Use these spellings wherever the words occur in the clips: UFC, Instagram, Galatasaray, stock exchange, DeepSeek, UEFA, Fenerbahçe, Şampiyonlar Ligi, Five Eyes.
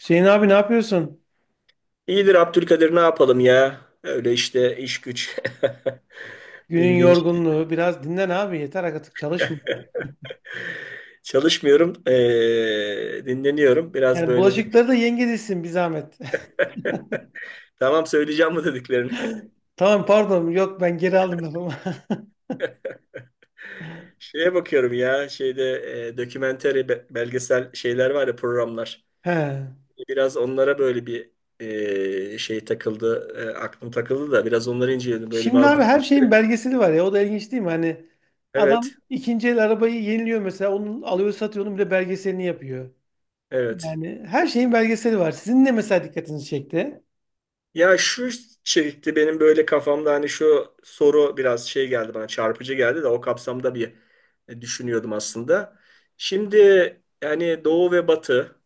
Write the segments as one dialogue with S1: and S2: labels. S1: Hüseyin abi ne yapıyorsun?
S2: İyidir Abdülkadir, ne yapalım ya? Öyle işte, iş güç.
S1: Günün
S2: Bildiğin şey.
S1: yorgunluğu. Biraz dinlen abi. Yeter artık çalışma.
S2: Çalışmıyorum. Dinleniyorum. Biraz
S1: Yani
S2: böyle de-
S1: bulaşıkları da yenge dizsin bir zahmet.
S2: Tamam, söyleyeceğim bu dediklerini.
S1: Tamam pardon. Yok ben geri aldım lafımı.
S2: Şeye bakıyorum ya, şeyde dokümenteri belgesel şeyler var ya, programlar.
S1: He.
S2: Biraz onlara böyle bir şey takıldı. Aklım takıldı da biraz onları inceledim. Böyle
S1: Şimdi abi
S2: bazı.
S1: her şeyin belgeseli var ya. O da ilginç değil mi? Hani adam
S2: Evet.
S1: ikinci el arabayı yeniliyor mesela. Onu alıyor satıyor. Onun bile belgeselini yapıyor.
S2: Evet.
S1: Yani her şeyin belgeseli var. Sizin ne mesela dikkatinizi çekti?
S2: Ya şu çekti benim böyle kafamda, hani şu soru biraz şey geldi bana, çarpıcı geldi de o kapsamda bir düşünüyordum aslında. Şimdi yani Doğu ve Batı,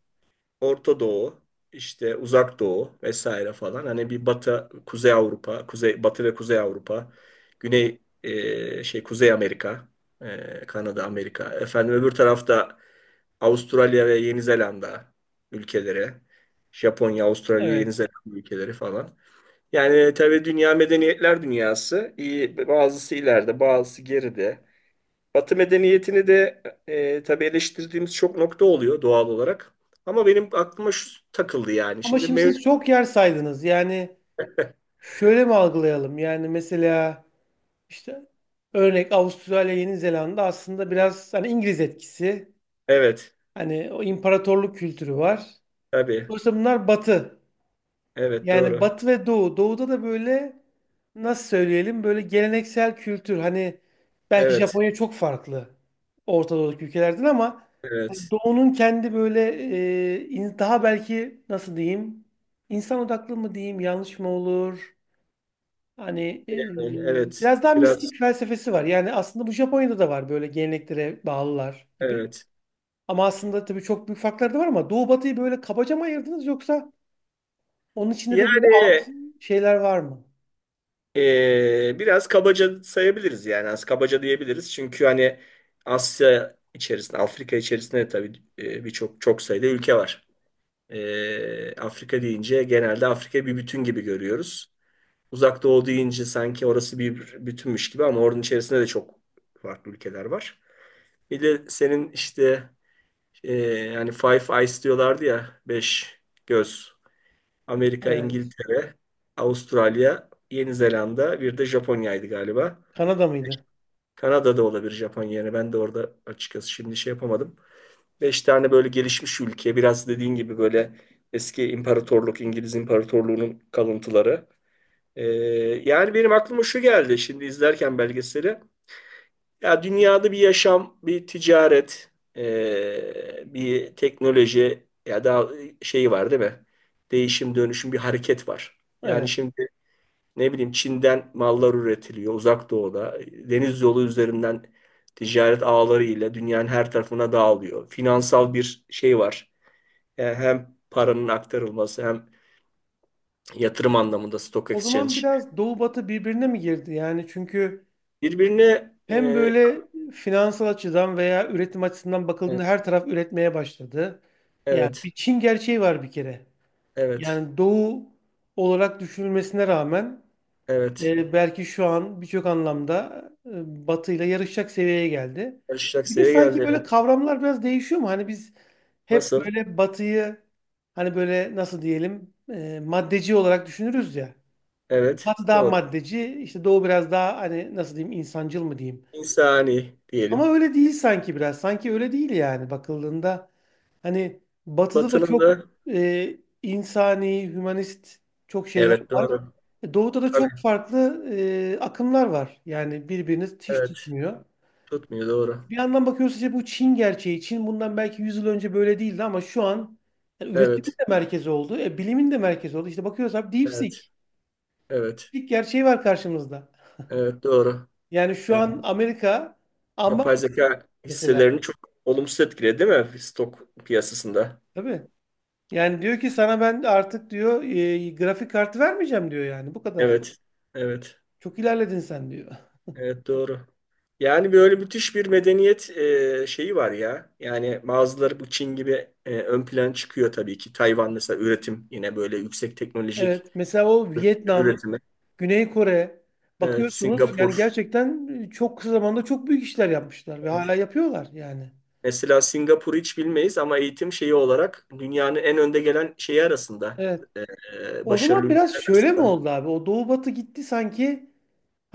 S2: Orta Doğu, işte Uzak Doğu vesaire falan, hani bir Batı, Kuzey Avrupa, Kuzey Batı ve Kuzey Avrupa, Güney şey Kuzey Amerika, Kanada, Amerika. Efendim öbür tarafta Avustralya ve Yeni Zelanda ülkeleri, Japonya, Avrasya, Yeni
S1: Evet.
S2: Zelanda ülkeleri falan. Yani tabii dünya medeniyetler dünyası. İyi, bazısı ileride, bazısı geride. Batı medeniyetini de tabii eleştirdiğimiz çok nokta oluyor doğal olarak. Ama benim aklıma şu takıldı yani.
S1: Ama
S2: Şimdi
S1: şimdi siz
S2: mevcut.
S1: çok yer saydınız. Yani şöyle mi algılayalım? Yani mesela İşte örnek Avustralya, Yeni Zelanda aslında biraz hani İngiliz etkisi,
S2: Evet,
S1: hani o imparatorluk kültürü var.
S2: tabii.
S1: Dolayısıyla bunlar Batı.
S2: Evet,
S1: Yani
S2: doğru.
S1: Batı ve Doğu. Doğu'da da böyle nasıl söyleyelim böyle geleneksel kültür. Hani belki
S2: Evet,
S1: Japonya çok farklı Orta Doğu'daki ülkelerden ama hani
S2: evet.
S1: Doğu'nun kendi böyle daha belki nasıl diyeyim insan odaklı mı diyeyim yanlış mı olur? Hani
S2: Yani, evet,
S1: biraz daha
S2: biraz,
S1: mistik felsefesi var. Yani aslında bu Japonya'da da var böyle geleneklere bağlılar gibi.
S2: evet.
S1: Ama aslında tabii çok büyük farklar da var ama Doğu Batı'yı böyle kabaca mı ayırdınız yoksa onun içinde de böyle
S2: Yani
S1: alt şeyler var mı?
S2: biraz kabaca sayabiliriz yani. Az kabaca diyebiliriz. Çünkü hani Asya içerisinde, Afrika içerisinde tabii birçok, çok sayıda ülke var. Afrika deyince genelde Afrika bir bütün gibi görüyoruz. Uzak Doğu deyince sanki orası bir bütünmüş gibi, ama oranın içerisinde de çok farklı ülkeler var. Bir de senin işte e, yani Five Eyes diyorlardı ya, beş göz. Amerika,
S1: Evet.
S2: İngiltere, Avustralya, Yeni Zelanda, bir de Japonya'ydı galiba.
S1: Kanada mıydı?
S2: Kanada'da olabilir Japonya. Yani ben de orada açıkçası şimdi şey yapamadım. Beş tane böyle gelişmiş ülke, biraz dediğin gibi böyle eski imparatorluk, İngiliz İmparatorluğu'nun kalıntıları. Ee, yani benim aklıma şu geldi şimdi izlerken belgeseli. Ya dünyada bir yaşam, bir ticaret, bir teknoloji ya da şeyi var değil mi? Değişim, dönüşüm, bir hareket var. Yani
S1: Evet.
S2: şimdi ne bileyim, Çin'den mallar üretiliyor Uzak Doğu'da. Deniz yolu üzerinden ticaret ağları ile dünyanın her tarafına dağılıyor. Finansal bir şey var, yani hem paranın aktarılması hem yatırım anlamında stock
S1: O
S2: exchange.
S1: zaman biraz Doğu Batı birbirine mi girdi? Yani çünkü
S2: Birbirine
S1: hem böyle finansal açıdan veya üretim açısından
S2: evet,
S1: bakıldığında her taraf üretmeye başladı. Yani bir
S2: evet,
S1: Çin gerçeği var bir kere.
S2: evet,
S1: Yani Doğu olarak düşünülmesine rağmen
S2: evet.
S1: e, belki şu an birçok anlamda Batı ile yarışacak seviyeye geldi.
S2: Karışacak
S1: Bir de
S2: seviye
S1: sanki
S2: geldi,
S1: böyle
S2: evet.
S1: kavramlar biraz değişiyor mu? Hani biz hep
S2: Nasıl?
S1: böyle Batı'yı hani böyle nasıl diyelim maddeci olarak düşünürüz ya.
S2: Evet,
S1: Batı daha
S2: doğru.
S1: maddeci, işte Doğu biraz daha hani nasıl diyeyim insancıl mı diyeyim.
S2: İnsani
S1: Ama
S2: diyelim.
S1: öyle değil sanki biraz. Sanki öyle değil yani bakıldığında. Hani batıda da
S2: Batının
S1: çok
S2: da,
S1: e, insani, hümanist çok şeyler
S2: evet,
S1: var.
S2: doğru.
S1: E, Doğuda da
S2: Tabii,
S1: çok farklı akımlar var. Yani birbirini hiç
S2: evet.
S1: tutmuyor.
S2: Tutmuyor, doğru.
S1: Bir yandan bakıyoruz işte bu Çin gerçeği. Çin bundan belki 100 yıl önce böyle değildi ama şu an yani üretimin
S2: Evet,
S1: de merkezi oldu. E, bilimin de merkezi oldu. İşte bakıyoruz abi
S2: evet,
S1: DeepSeek.
S2: evet,
S1: DeepSeek gerçeği var karşımızda.
S2: evet, doğru.
S1: Yani şu
S2: Yani
S1: an Amerika ama
S2: yapay zeka
S1: mesela
S2: hisselerini çok olumsuz etkiledi değil mi stok piyasasında?
S1: tabii. Yani diyor ki sana ben artık diyor grafik kartı vermeyeceğim diyor yani bu kadar.
S2: Evet, evet.
S1: Çok ilerledin sen diyor.
S2: Evet, doğru. Yani böyle müthiş bir medeniyet şeyi var ya. Yani bazıları bu Çin gibi ön plan çıkıyor tabii ki. Tayvan mesela üretim yine böyle yüksek teknolojik
S1: Evet. Mesela o Vietnam,
S2: üretimi.
S1: Güney Kore
S2: Evet,
S1: bakıyorsunuz yani
S2: Singapur.
S1: gerçekten çok kısa zamanda çok büyük işler yapmışlar ve hala
S2: Evet.
S1: yapıyorlar yani.
S2: Mesela Singapur'u hiç bilmeyiz ama eğitim şeyi olarak dünyanın en önde gelen şeyi arasında.
S1: Evet.
S2: E, e,
S1: O
S2: başarılı
S1: zaman biraz
S2: ülkeler
S1: şöyle mi
S2: arasında.
S1: oldu abi? O Doğu Batı gitti sanki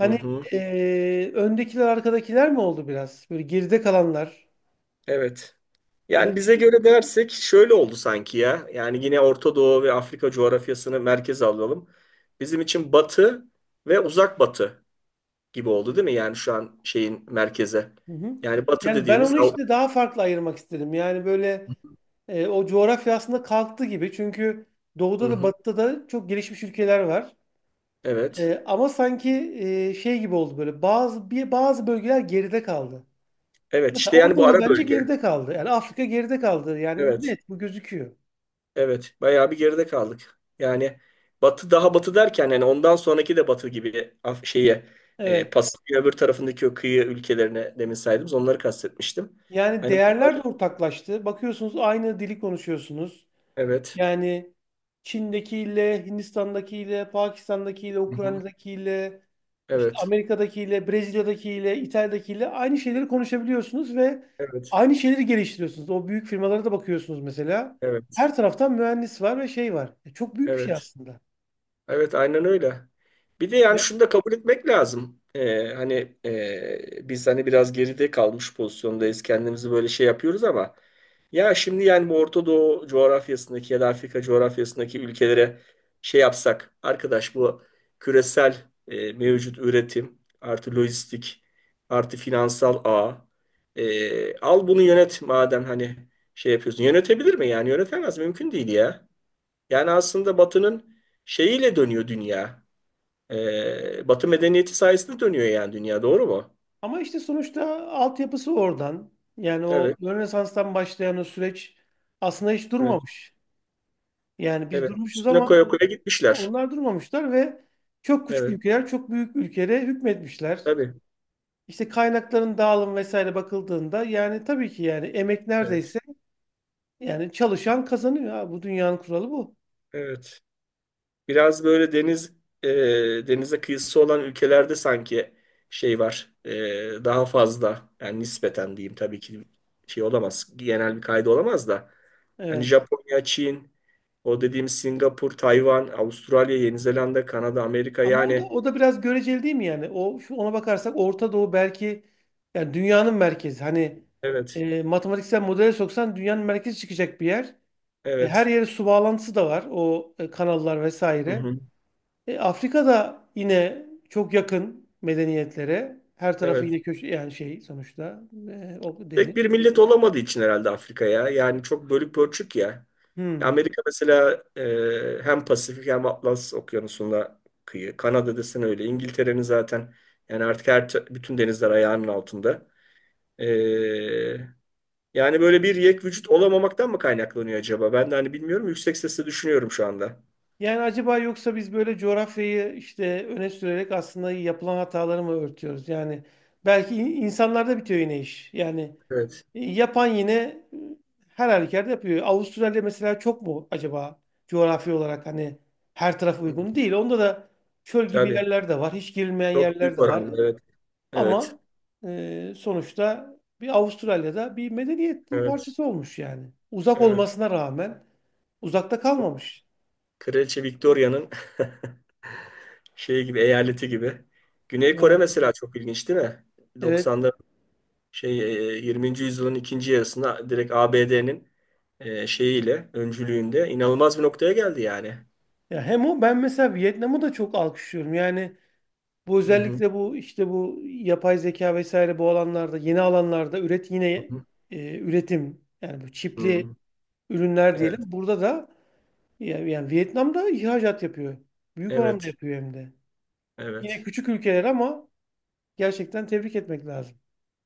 S2: Hı hı.
S1: öndekiler arkadakiler mi oldu biraz? Böyle geride kalanlar.
S2: Evet.
S1: Hani
S2: Yani bize
S1: biz-
S2: göre dersek şöyle oldu sanki ya. Yani yine Orta Doğu ve Afrika coğrafyasını merkeze alalım. Bizim için Batı ve Uzak Batı gibi oldu değil mi? Yani şu an şeyin merkeze.
S1: hı hı.
S2: Yani Batı
S1: Yani ben
S2: dediğimiz
S1: onu
S2: Av-
S1: işte daha farklı ayırmak istedim. Yani böyle o coğrafya aslında kalktı gibi. Çünkü
S2: Hı
S1: Doğu'da da
S2: hı,
S1: Batı'da da çok gelişmiş ülkeler var.
S2: evet.
S1: Ama sanki şey gibi oldu böyle bazı bölgeler geride kaldı.
S2: Evet,
S1: Mesela
S2: işte
S1: Orta
S2: yani bu
S1: Doğu
S2: ara
S1: bence
S2: bölge.
S1: geride kaldı. Yani Afrika geride kaldı. Yani
S2: Evet.
S1: net bu gözüküyor.
S2: Evet. Bayağı bir geride kaldık. Yani Batı daha Batı derken, yani ondan sonraki de Batı gibi şeye
S1: Evet.
S2: Pasifik'in öbür tarafındaki o kıyı ülkelerine, demin saydığımız, onları kastetmiştim.
S1: Yani
S2: Hani bunlar,
S1: değerler de ortaklaştı. Bakıyorsunuz aynı dili konuşuyorsunuz.
S2: evet.
S1: Yani Çin'dekiyle, Hindistan'dakiyle, Pakistan'dakiyle,
S2: Hı hı.
S1: Ukrayna'dakiyle, işte
S2: Evet.
S1: Amerika'dakiyle, Brezilya'dakiyle, İtalya'dakiyle aynı şeyleri konuşabiliyorsunuz ve
S2: Evet.
S1: aynı şeyleri geliştiriyorsunuz. O büyük firmalara da bakıyorsunuz mesela.
S2: Evet.
S1: Her taraftan mühendis var ve şey var. E, çok büyük bir şey
S2: Evet.
S1: aslında.
S2: Evet, aynen öyle. Bir de yani
S1: Ya,
S2: şunu da kabul etmek lazım. Hani biz hani biraz geride kalmış pozisyondayız. Kendimizi böyle şey yapıyoruz ama ya şimdi yani bu Orta Doğu coğrafyasındaki ya da Afrika coğrafyasındaki ülkelere şey yapsak, arkadaş bu küresel mevcut üretim artı lojistik artı finansal ağ al bunu yönet madem, hani şey yapıyorsun. Yönetebilir mi yani? Yönetemez, mümkün değil ya. Yani aslında Batı'nın şeyiyle dönüyor dünya. Batı medeniyeti sayesinde dönüyor yani dünya. Doğru mu?
S1: ama işte sonuçta altyapısı oradan. Yani o
S2: Evet,
S1: Rönesans'tan başlayan o süreç aslında hiç
S2: evet,
S1: durmamış. Yani biz
S2: evet.
S1: durmuşuz
S2: Üstüne
S1: ama
S2: koya koya gitmişler.
S1: onlar durmamışlar ve çok küçük
S2: Evet,
S1: ülkeler çok büyük ülkelere hükmetmişler.
S2: tabii.
S1: İşte kaynakların dağılım vesaire bakıldığında yani tabii ki yani emek
S2: Evet,
S1: neredeyse yani çalışan kazanıyor. Ha, bu dünyanın kuralı bu.
S2: evet. Biraz böyle deniz e, denize kıyısı olan ülkelerde sanki şey var. Daha fazla yani, nispeten diyeyim, tabii ki şey olamaz. Genel bir kaydı olamaz da. Hani
S1: Evet.
S2: Japonya, Çin, o dediğim Singapur, Tayvan, Avustralya, Yeni Zelanda, Kanada, Amerika
S1: Ama o da
S2: yani.
S1: o da biraz göreceli değil mi yani? O şu ona bakarsak Orta Doğu belki yani dünyanın merkezi. Hani
S2: Evet.
S1: matematiksel modele soksan dünyanın merkezi çıkacak bir yer. E, her
S2: Evet.
S1: yere su bağlantısı da var. O kanallar
S2: Hı
S1: vesaire.
S2: hı.
S1: E, Afrika'da yine çok yakın medeniyetlere. Her tarafı
S2: Evet.
S1: yine köşe yani şey sonuçta o deniz.
S2: Tek bir millet olamadığı için herhalde Afrika ya. Yani çok bölük pörçük ya. Ya
S1: Hmm.
S2: Amerika mesela hem Pasifik hem Atlas Okyanusu'nda kıyı. Kanada desen öyle. İngiltere'nin zaten yani artık bütün denizler ayağının altında. E, yani böyle bir yek vücut olamamaktan mı kaynaklanıyor acaba? Ben de hani bilmiyorum. Yüksek sesle düşünüyorum şu anda.
S1: Yani acaba yoksa biz böyle coğrafyayı işte öne sürerek aslında yapılan hataları mı örtüyoruz? Yani belki insanlarda bitiyor yine iş. Yani
S2: Evet.
S1: yapan yine her halükarda yapıyor. Avustralya mesela çok mu acaba coğrafi olarak hani her taraf
S2: Hı.
S1: uygun değil. Onda da çöl gibi
S2: Tabii.
S1: yerler de var. Hiç girilmeyen
S2: Çok
S1: yerler
S2: büyük
S1: de var.
S2: oranda. Evet. Evet.
S1: Ama sonuçta bir Avustralya'da bir medeniyetin
S2: Evet.
S1: parçası olmuş yani. Uzak
S2: Evet.
S1: olmasına rağmen uzakta kalmamış.
S2: Kraliçe Victoria'nın şey gibi eyaleti gibi. Güney Kore
S1: Yani
S2: mesela çok ilginç değil mi?
S1: evet.
S2: 90'da şey 20. yüzyılın ikinci yarısında direkt ABD'nin şeyiyle, öncülüğünde inanılmaz bir noktaya geldi yani.
S1: Ya hem o ben mesela Vietnam'ı da çok alkışlıyorum. Yani bu
S2: Hı hı,
S1: özellikle bu işte bu yapay zeka vesaire bu alanlarda yeni alanlarda üret
S2: hı
S1: yine
S2: hı,
S1: üretim yani bu çipli
S2: hı.
S1: ürünler diyelim.
S2: Evet,
S1: Burada da yani Vietnam'da ihracat yapıyor. Büyük oranda
S2: evet,
S1: yapıyor hem de. Yine
S2: evet.
S1: küçük ülkeler ama gerçekten tebrik etmek lazım.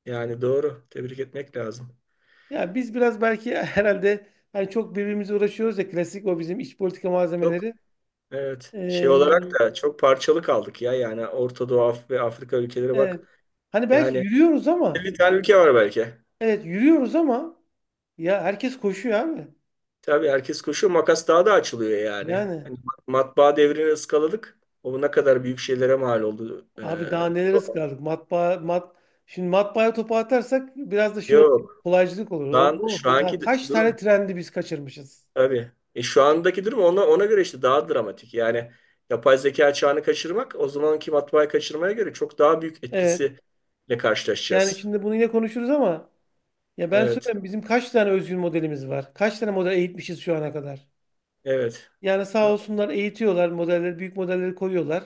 S2: Yani doğru. Tebrik etmek lazım.
S1: Ya biz biraz belki herhalde hani çok birbirimize uğraşıyoruz ya klasik o bizim iç politika
S2: Çok,
S1: malzemeleri.
S2: evet. Şey
S1: Ee,
S2: olarak da çok parçalı kaldık ya. Yani Orta Doğu ve Afrika ülkeleri
S1: evet.
S2: bak.
S1: Hani belki
S2: Yani
S1: yürüyoruz ama
S2: 50 tane ülke var belki.
S1: evet yürüyoruz ama ya herkes koşuyor abi.
S2: Tabii herkes koşuyor. Makas daha da açılıyor yani.
S1: Yani
S2: Hani matbaa devrini ıskaladık. O ne kadar büyük şeylere mal oldu. Ee,
S1: abi daha nelere sıkardık matbaa mat şimdi matbaaya topu atarsak biraz da şey olur,
S2: yok.
S1: kolaycılık olur.
S2: Şu an, şu
S1: Ya
S2: anki
S1: kaç tane
S2: durum
S1: trendi biz kaçırmışız.
S2: tabii. Şu andaki durum ona göre işte daha dramatik. Yani yapay zeka çağını kaçırmak o zamanki matbaayı kaçırmaya göre çok daha büyük
S1: Evet.
S2: etkisiyle
S1: Yani
S2: karşılaşacağız.
S1: şimdi bunu yine konuşuruz ama ya ben
S2: Evet.
S1: söyleyeyim bizim kaç tane özgün modelimiz var? Kaç tane model eğitmişiz şu ana kadar?
S2: Evet.
S1: Yani sağ
S2: do-
S1: olsunlar eğitiyorlar modelleri, büyük modelleri koyuyorlar.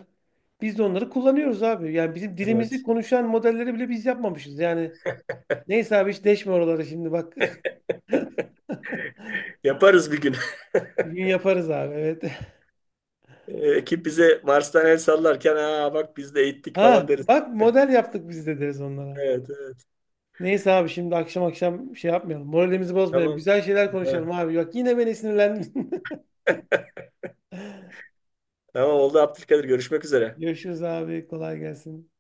S1: Biz de onları kullanıyoruz abi. Yani bizim dilimizi
S2: Evet.
S1: konuşan modelleri bile biz yapmamışız. Yani neyse abi hiç deşme oraları şimdi bak.
S2: Yaparız bir gün.
S1: Bir gün yaparız abi evet.
S2: Ekip bize Mars'tan el sallarken, aa bak biz de eğittik falan
S1: Ha
S2: deriz.
S1: bak model yaptık biz de deriz onlara.
S2: Evet, evet.
S1: Neyse abi şimdi akşam akşam şey yapmayalım. Moralimizi bozmayalım.
S2: Tamam.
S1: Güzel şeyler
S2: Evet,
S1: konuşalım abi. Bak yine beni sinirlendin.
S2: tamam oldu Abdülkadir. Görüşmek üzere.
S1: Görüşürüz abi. Kolay gelsin.